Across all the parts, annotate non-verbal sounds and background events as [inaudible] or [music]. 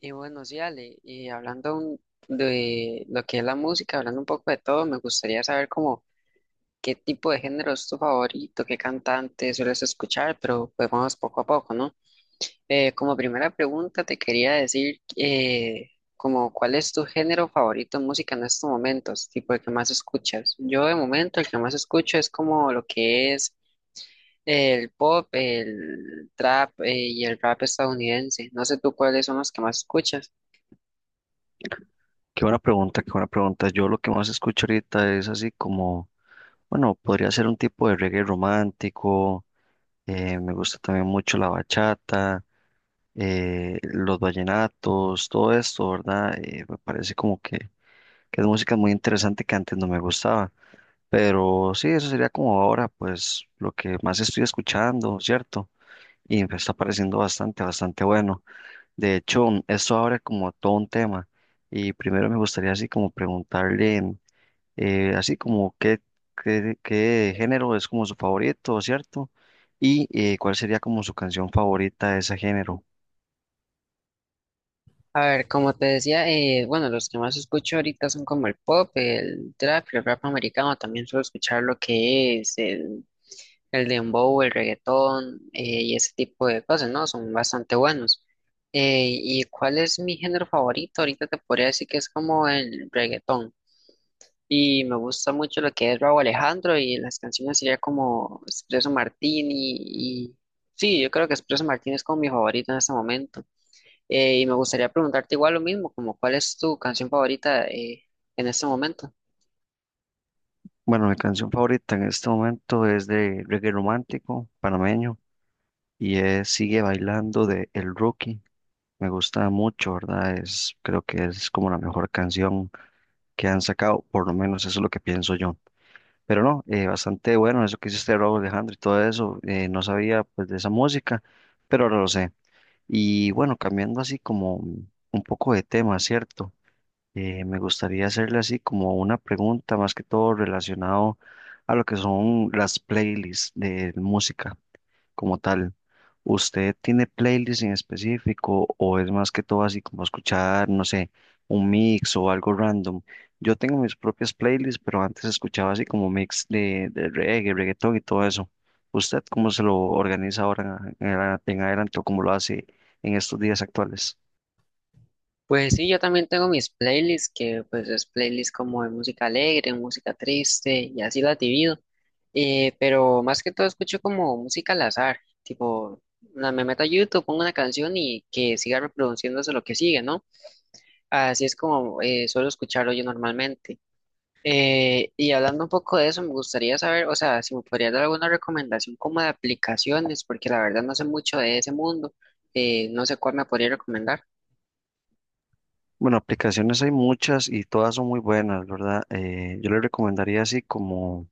Y bueno, sí, Ale, de lo que es la música, hablando un poco de todo, me gustaría saber como qué tipo de género es tu favorito, qué cantante sueles escuchar, pero pues vamos poco a poco, ¿no? Como primera pregunta te quería decir como cuál es tu género favorito en música en estos momentos, tipo el que más escuchas. Yo de momento el que más escucho es como lo que es el pop, el trap y el rap estadounidense. No sé tú cuáles son los que más escuchas. Qué buena pregunta, qué buena pregunta. Yo lo que más escucho ahorita es así como, bueno, podría ser un tipo de reggae romántico. Me gusta también mucho la bachata, los vallenatos, todo esto, ¿verdad? Me parece como que es música muy interesante que antes no me gustaba, pero sí, eso sería como ahora, pues lo que más estoy escuchando, ¿cierto? Y me está pareciendo bastante, bastante bueno. De hecho, esto abre como todo un tema y primero me gustaría así como preguntarle, así como qué género es como su favorito, ¿cierto? Y cuál sería como su canción favorita de ese género. A ver, como te decía, bueno, los que más escucho ahorita son como el pop, el trap, el rap americano, también suelo escuchar lo que es el dembow, el reggaetón y ese tipo de cosas, ¿no? Son bastante buenos. ¿Y cuál es mi género favorito? Ahorita te podría decir que es como el reggaetón. Y me gusta mucho lo que es Rauw Alejandro y las canciones sería como Espresso Martini y... Sí, yo creo que Espresso Martini es como mi favorito en este momento. Y me gustaría preguntarte igual lo mismo, como cuál es tu canción favorita en este momento. Bueno, mi canción favorita en este momento es de reggae romántico panameño y es Sigue Bailando de El Rookie. Me gusta mucho, ¿verdad? Es, creo que es como la mejor canción que han sacado, por lo menos eso es lo que pienso yo. Pero no, bastante bueno eso que hizo este Robo Alejandro, y todo eso. No sabía pues de esa música, pero ahora lo sé. Y bueno, cambiando así como un poco de tema, ¿cierto? Me gustaría hacerle así como una pregunta más que todo relacionado a lo que son las playlists de música como tal. ¿Usted tiene playlists en específico o es más que todo así como escuchar, no sé, un mix o algo random? Yo tengo mis propias playlists, pero antes escuchaba así como mix de reggae, reggaetón y todo eso. ¿Usted cómo se lo organiza ahora en, en adelante o cómo lo hace en estos días actuales? Pues sí, yo también tengo mis playlists, que pues es playlist como de música alegre, música triste y así la divido. Pero más que todo escucho como música al azar, tipo, me meto a YouTube, pongo una canción y que siga reproduciéndose lo que sigue, ¿no? Así es como suelo escucharlo yo normalmente. Y hablando un poco de eso, me gustaría saber, o sea, si me podrías dar alguna recomendación como de aplicaciones, porque la verdad no sé mucho de ese mundo, no sé cuál me podría recomendar. Bueno, aplicaciones hay muchas y todas son muy buenas, ¿verdad? Yo le recomendaría así como...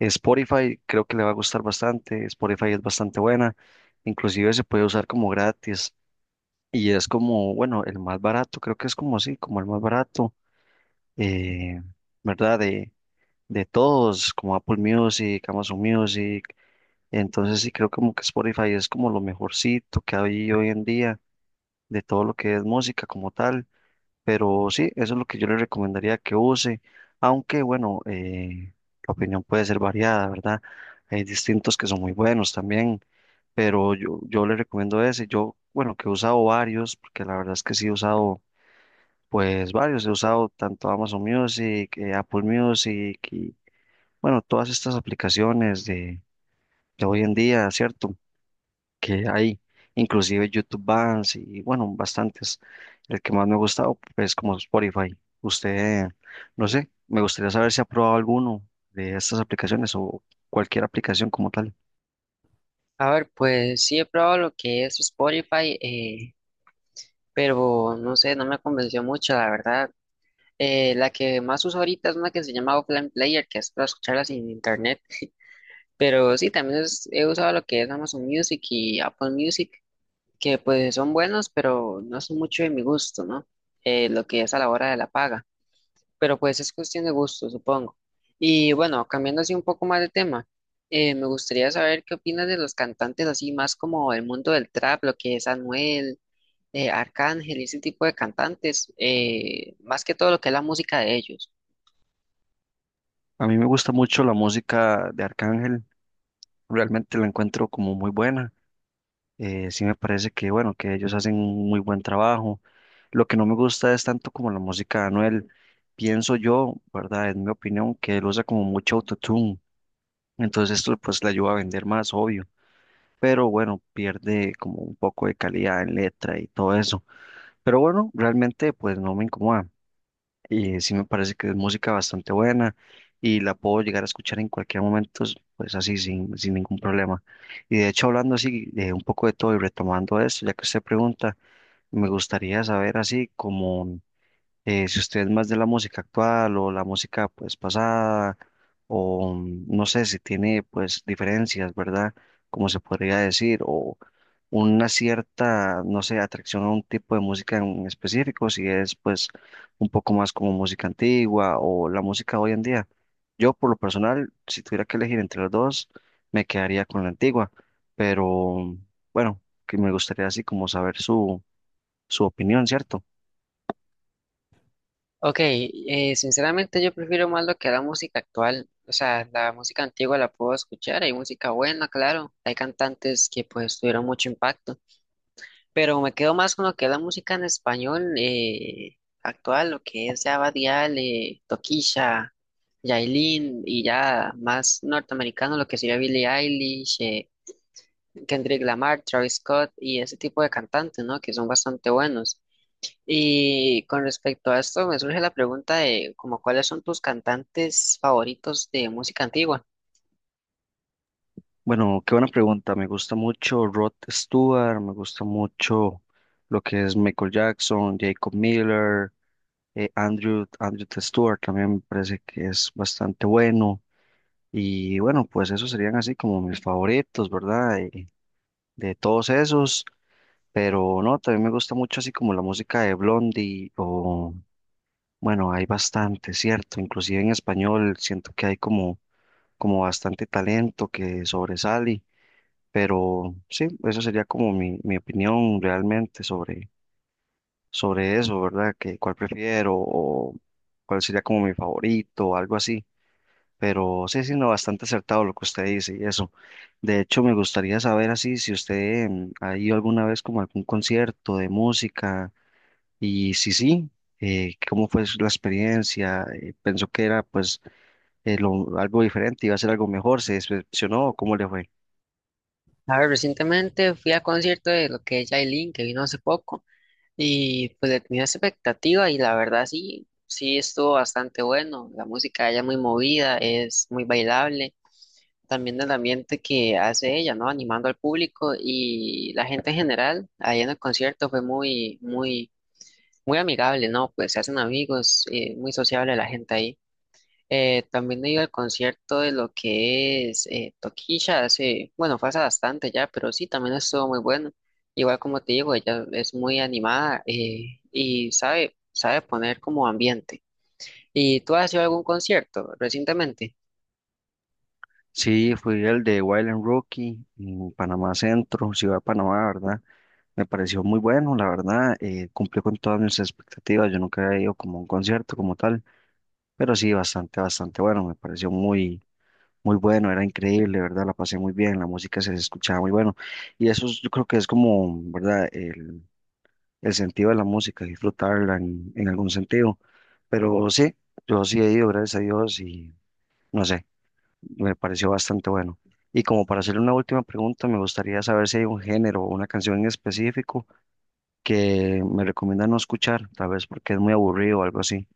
Spotify creo que le va a gustar bastante, Spotify es bastante buena, inclusive se puede usar como gratis y es como, bueno, el más barato, creo que es como así, como el más barato, eh, ¿verdad? De todos, como Apple Music, Amazon Music, entonces sí creo como que Spotify es como lo mejorcito que hay hoy en día de todo lo que es música como tal. Pero sí, eso es lo que yo le recomendaría que use, aunque bueno, la opinión puede ser variada, ¿verdad? Hay distintos que son muy buenos también, pero yo le recomiendo ese. Yo, bueno, que he usado varios, porque la verdad es que sí he usado, pues varios, he usado tanto Amazon Music, Apple Music y bueno, todas estas aplicaciones de hoy en día, ¿cierto? Que hay, inclusive YouTube Bands y bueno, bastantes. El que más me ha gustado es como Spotify. Usted, no sé, me gustaría saber si ha probado alguno de estas aplicaciones o cualquier aplicación como tal. A ver, pues sí he probado lo que es Spotify, pero no sé, no me convenció mucho, la verdad. La que más uso ahorita es una que se llama Offline Player, que es para escucharla sin internet, pero sí, también he usado lo que es Amazon Music y Apple Music. Que pues son buenos, pero no son mucho de mi gusto, ¿no? Lo que es a la hora de la paga, pero pues es cuestión de gusto, supongo. Y bueno, cambiando así un poco más de tema, me gustaría saber qué opinas de los cantantes así más como el mundo del trap, lo que es Anuel, Arcángel y ese tipo de cantantes, más que todo lo que es la música de ellos. A mí me gusta mucho la música de Arcángel, realmente la encuentro como muy buena. Sí me parece que, bueno, que ellos hacen un muy buen trabajo. Lo que no me gusta es tanto como la música de Anuel. Pienso yo, ¿verdad? En mi opinión, que él usa como mucho autotune. Entonces esto pues le ayuda a vender más, obvio, pero bueno, pierde como un poco de calidad en letra y todo eso. Pero bueno, realmente pues no me incomoda y sí me parece que es música bastante buena y la puedo llegar a escuchar en cualquier momento, pues así sin ningún problema. Y de hecho hablando así de un poco de todo y retomando esto, ya que usted pregunta, me gustaría saber así como si usted es más de la música actual o la música pues pasada, o no sé si tiene pues diferencias, ¿verdad? Como se podría decir, o una cierta, no sé, atracción a un tipo de música en específico, si es pues un poco más como música antigua o la música hoy en día. Yo por lo personal, si tuviera que elegir entre las dos, me quedaría con la antigua, pero bueno, que me gustaría así como saber su, su opinión, ¿cierto? Ok, sinceramente yo prefiero más lo que la música actual, o sea, la música antigua la puedo escuchar, hay música buena, claro, hay cantantes que pues tuvieron mucho impacto, pero me quedo más con lo que es la música en español actual, lo que es ya Bad Gyal, Toquilla, Yailin y ya más norteamericano, lo que sería Billie Eilish, Kendrick Lamar, Travis Scott y ese tipo de cantantes, ¿no? Que son bastante buenos. Y con respecto a esto, me surge la pregunta de como cuáles son tus cantantes favoritos de música antigua. Bueno, qué buena pregunta. Me gusta mucho Rod Stewart, me gusta mucho lo que es Michael Jackson, Jacob Miller, Andrew Stewart también me parece que es bastante bueno. Y bueno, pues esos serían así como mis favoritos, ¿verdad? De todos esos. Pero no, también me gusta mucho así como la música de Blondie o, bueno, hay bastante, ¿cierto? Inclusive en español siento que hay como, como bastante talento que sobresale. Pero sí, esa sería como mi opinión realmente sobre, sobre eso, ¿verdad? Que cuál prefiero o cuál sería como mi favorito o algo así. Pero sí, sí, no, bastante acertado lo que usted dice y eso. De hecho, me gustaría saber así si usted ha ido alguna vez como a algún concierto de música y si sí, cómo fue la experiencia. Pensó que era pues algo diferente, iba a ser algo mejor, se decepcionó o cómo le fue. A ver, recientemente fui a concierto de lo que es Yailin, que vino hace poco, y pues le tenía esa expectativa y la verdad sí, sí estuvo bastante bueno. La música de ella es muy movida, es muy bailable, también el ambiente que hace ella, ¿no? Animando al público y la gente en general, ahí en el concierto fue muy, muy, muy amigable, ¿no? Pues se hacen amigos, muy sociable la gente ahí. También he ido al concierto de lo que es Toquilla hace, bueno, fue hace bastante ya, pero sí, también estuvo muy bueno. Igual como te digo, ella es muy animada y sabe, sabe poner como ambiente. ¿Y tú has ido a algún concierto recientemente? Sí, fui el de Wild and Rookie en Panamá Centro, Ciudad de Panamá, ¿verdad? Me pareció muy bueno, la verdad, cumplió con todas mis expectativas, yo nunca había ido como a un concierto como tal, pero sí, bastante, bastante bueno, me pareció muy, muy bueno, era increíble, ¿verdad? La pasé muy bien, la música se escuchaba muy bueno, yo creo que es como, ¿verdad? El sentido de la música, disfrutarla en algún sentido, pero sí, yo sí he ido, gracias a Dios, y no sé, me pareció bastante bueno. Y como para hacerle una última pregunta, me gustaría saber si hay un género o una canción en específico que me recomienda no escuchar, tal vez porque es muy aburrido o algo así.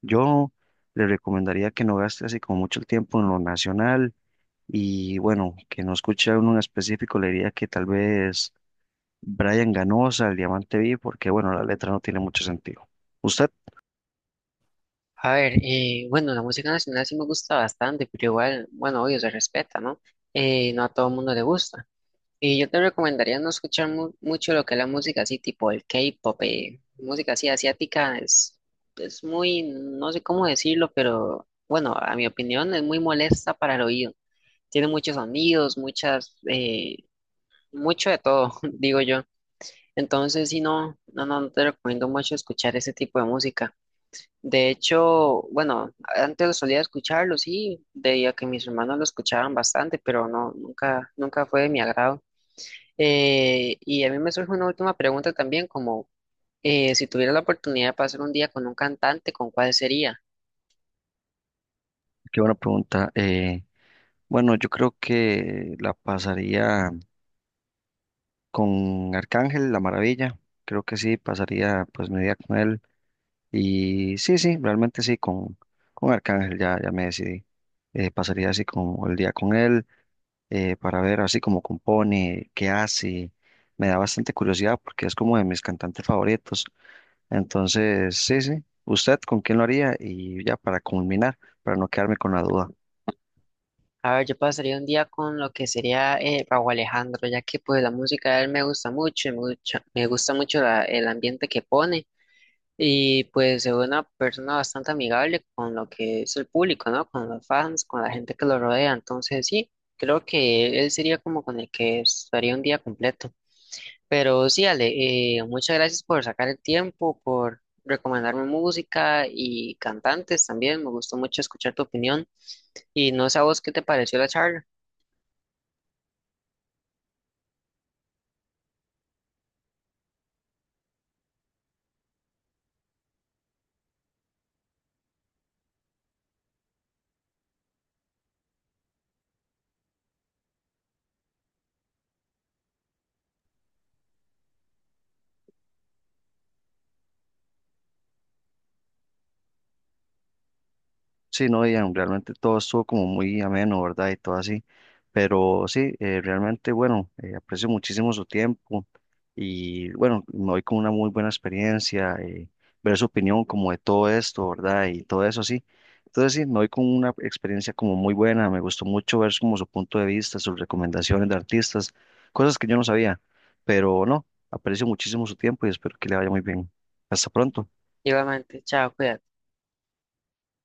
Yo le recomendaría que no gaste así como mucho el tiempo en lo nacional y bueno, que no escuche uno en específico, le diría que tal vez Brian Ganosa, El Diamante Vi, porque bueno, la letra no tiene mucho sentido. Usted, A ver, bueno, la música nacional sí me gusta bastante, pero igual, bueno, obvio, se respeta, ¿no? No a todo el mundo le gusta. Y yo te recomendaría no escuchar mucho lo que es la música así, tipo el K-pop, música así asiática, es muy, no sé cómo decirlo, pero bueno, a mi opinión es muy molesta para el oído. Tiene muchos sonidos, muchas, mucho de todo, [laughs] digo yo. Entonces, si no te recomiendo mucho escuchar ese tipo de música. De hecho, bueno, antes lo solía escucharlo, sí, debido a que mis hermanos lo escuchaban bastante, pero no, nunca, nunca fue de mi agrado. Y a mí me surge una última pregunta también, como si tuviera la oportunidad de pasar un día con un cantante, ¿con cuál sería? qué buena pregunta. Bueno, yo creo que la pasaría con Arcángel, La Maravilla, creo que sí, pasaría pues mi día con él. Y sí, sí, realmente sí, con Arcángel ya, ya me decidí. Pasaría así como el día con él para ver así como compone, qué hace. Me da bastante curiosidad porque es como de mis cantantes favoritos. Entonces, sí, sí. ¿Usted con quién lo haría? Y ya para culminar, para no quedarme con la duda. A ver, yo pasaría un día con lo que sería Rauw Alejandro, ya que pues la música de él me gusta mucho, y me gusta mucho el ambiente que pone y pues es una persona bastante amigable con lo que es el público, ¿no? Con los fans, con la gente que lo rodea, entonces sí, creo que él sería como con el que estaría un día completo. Pero sí, Ale, muchas gracias por sacar el tiempo, por recomendarme música y cantantes también. Me gustó mucho escuchar tu opinión. Y no sé a vos qué te pareció la charla. Sí, no, Ian, realmente todo estuvo como muy ameno, ¿verdad? Y todo así. Pero sí, realmente, bueno, aprecio muchísimo su tiempo y bueno, me voy con una muy buena experiencia, ver su opinión como de todo esto, ¿verdad? Y todo eso así. Entonces sí, me voy con una experiencia como muy buena, me gustó mucho ver como su punto de vista, sus recomendaciones de artistas, cosas que yo no sabía, pero no, aprecio muchísimo su tiempo y espero que le vaya muy bien. Hasta pronto. Igualmente, chao, cuídate.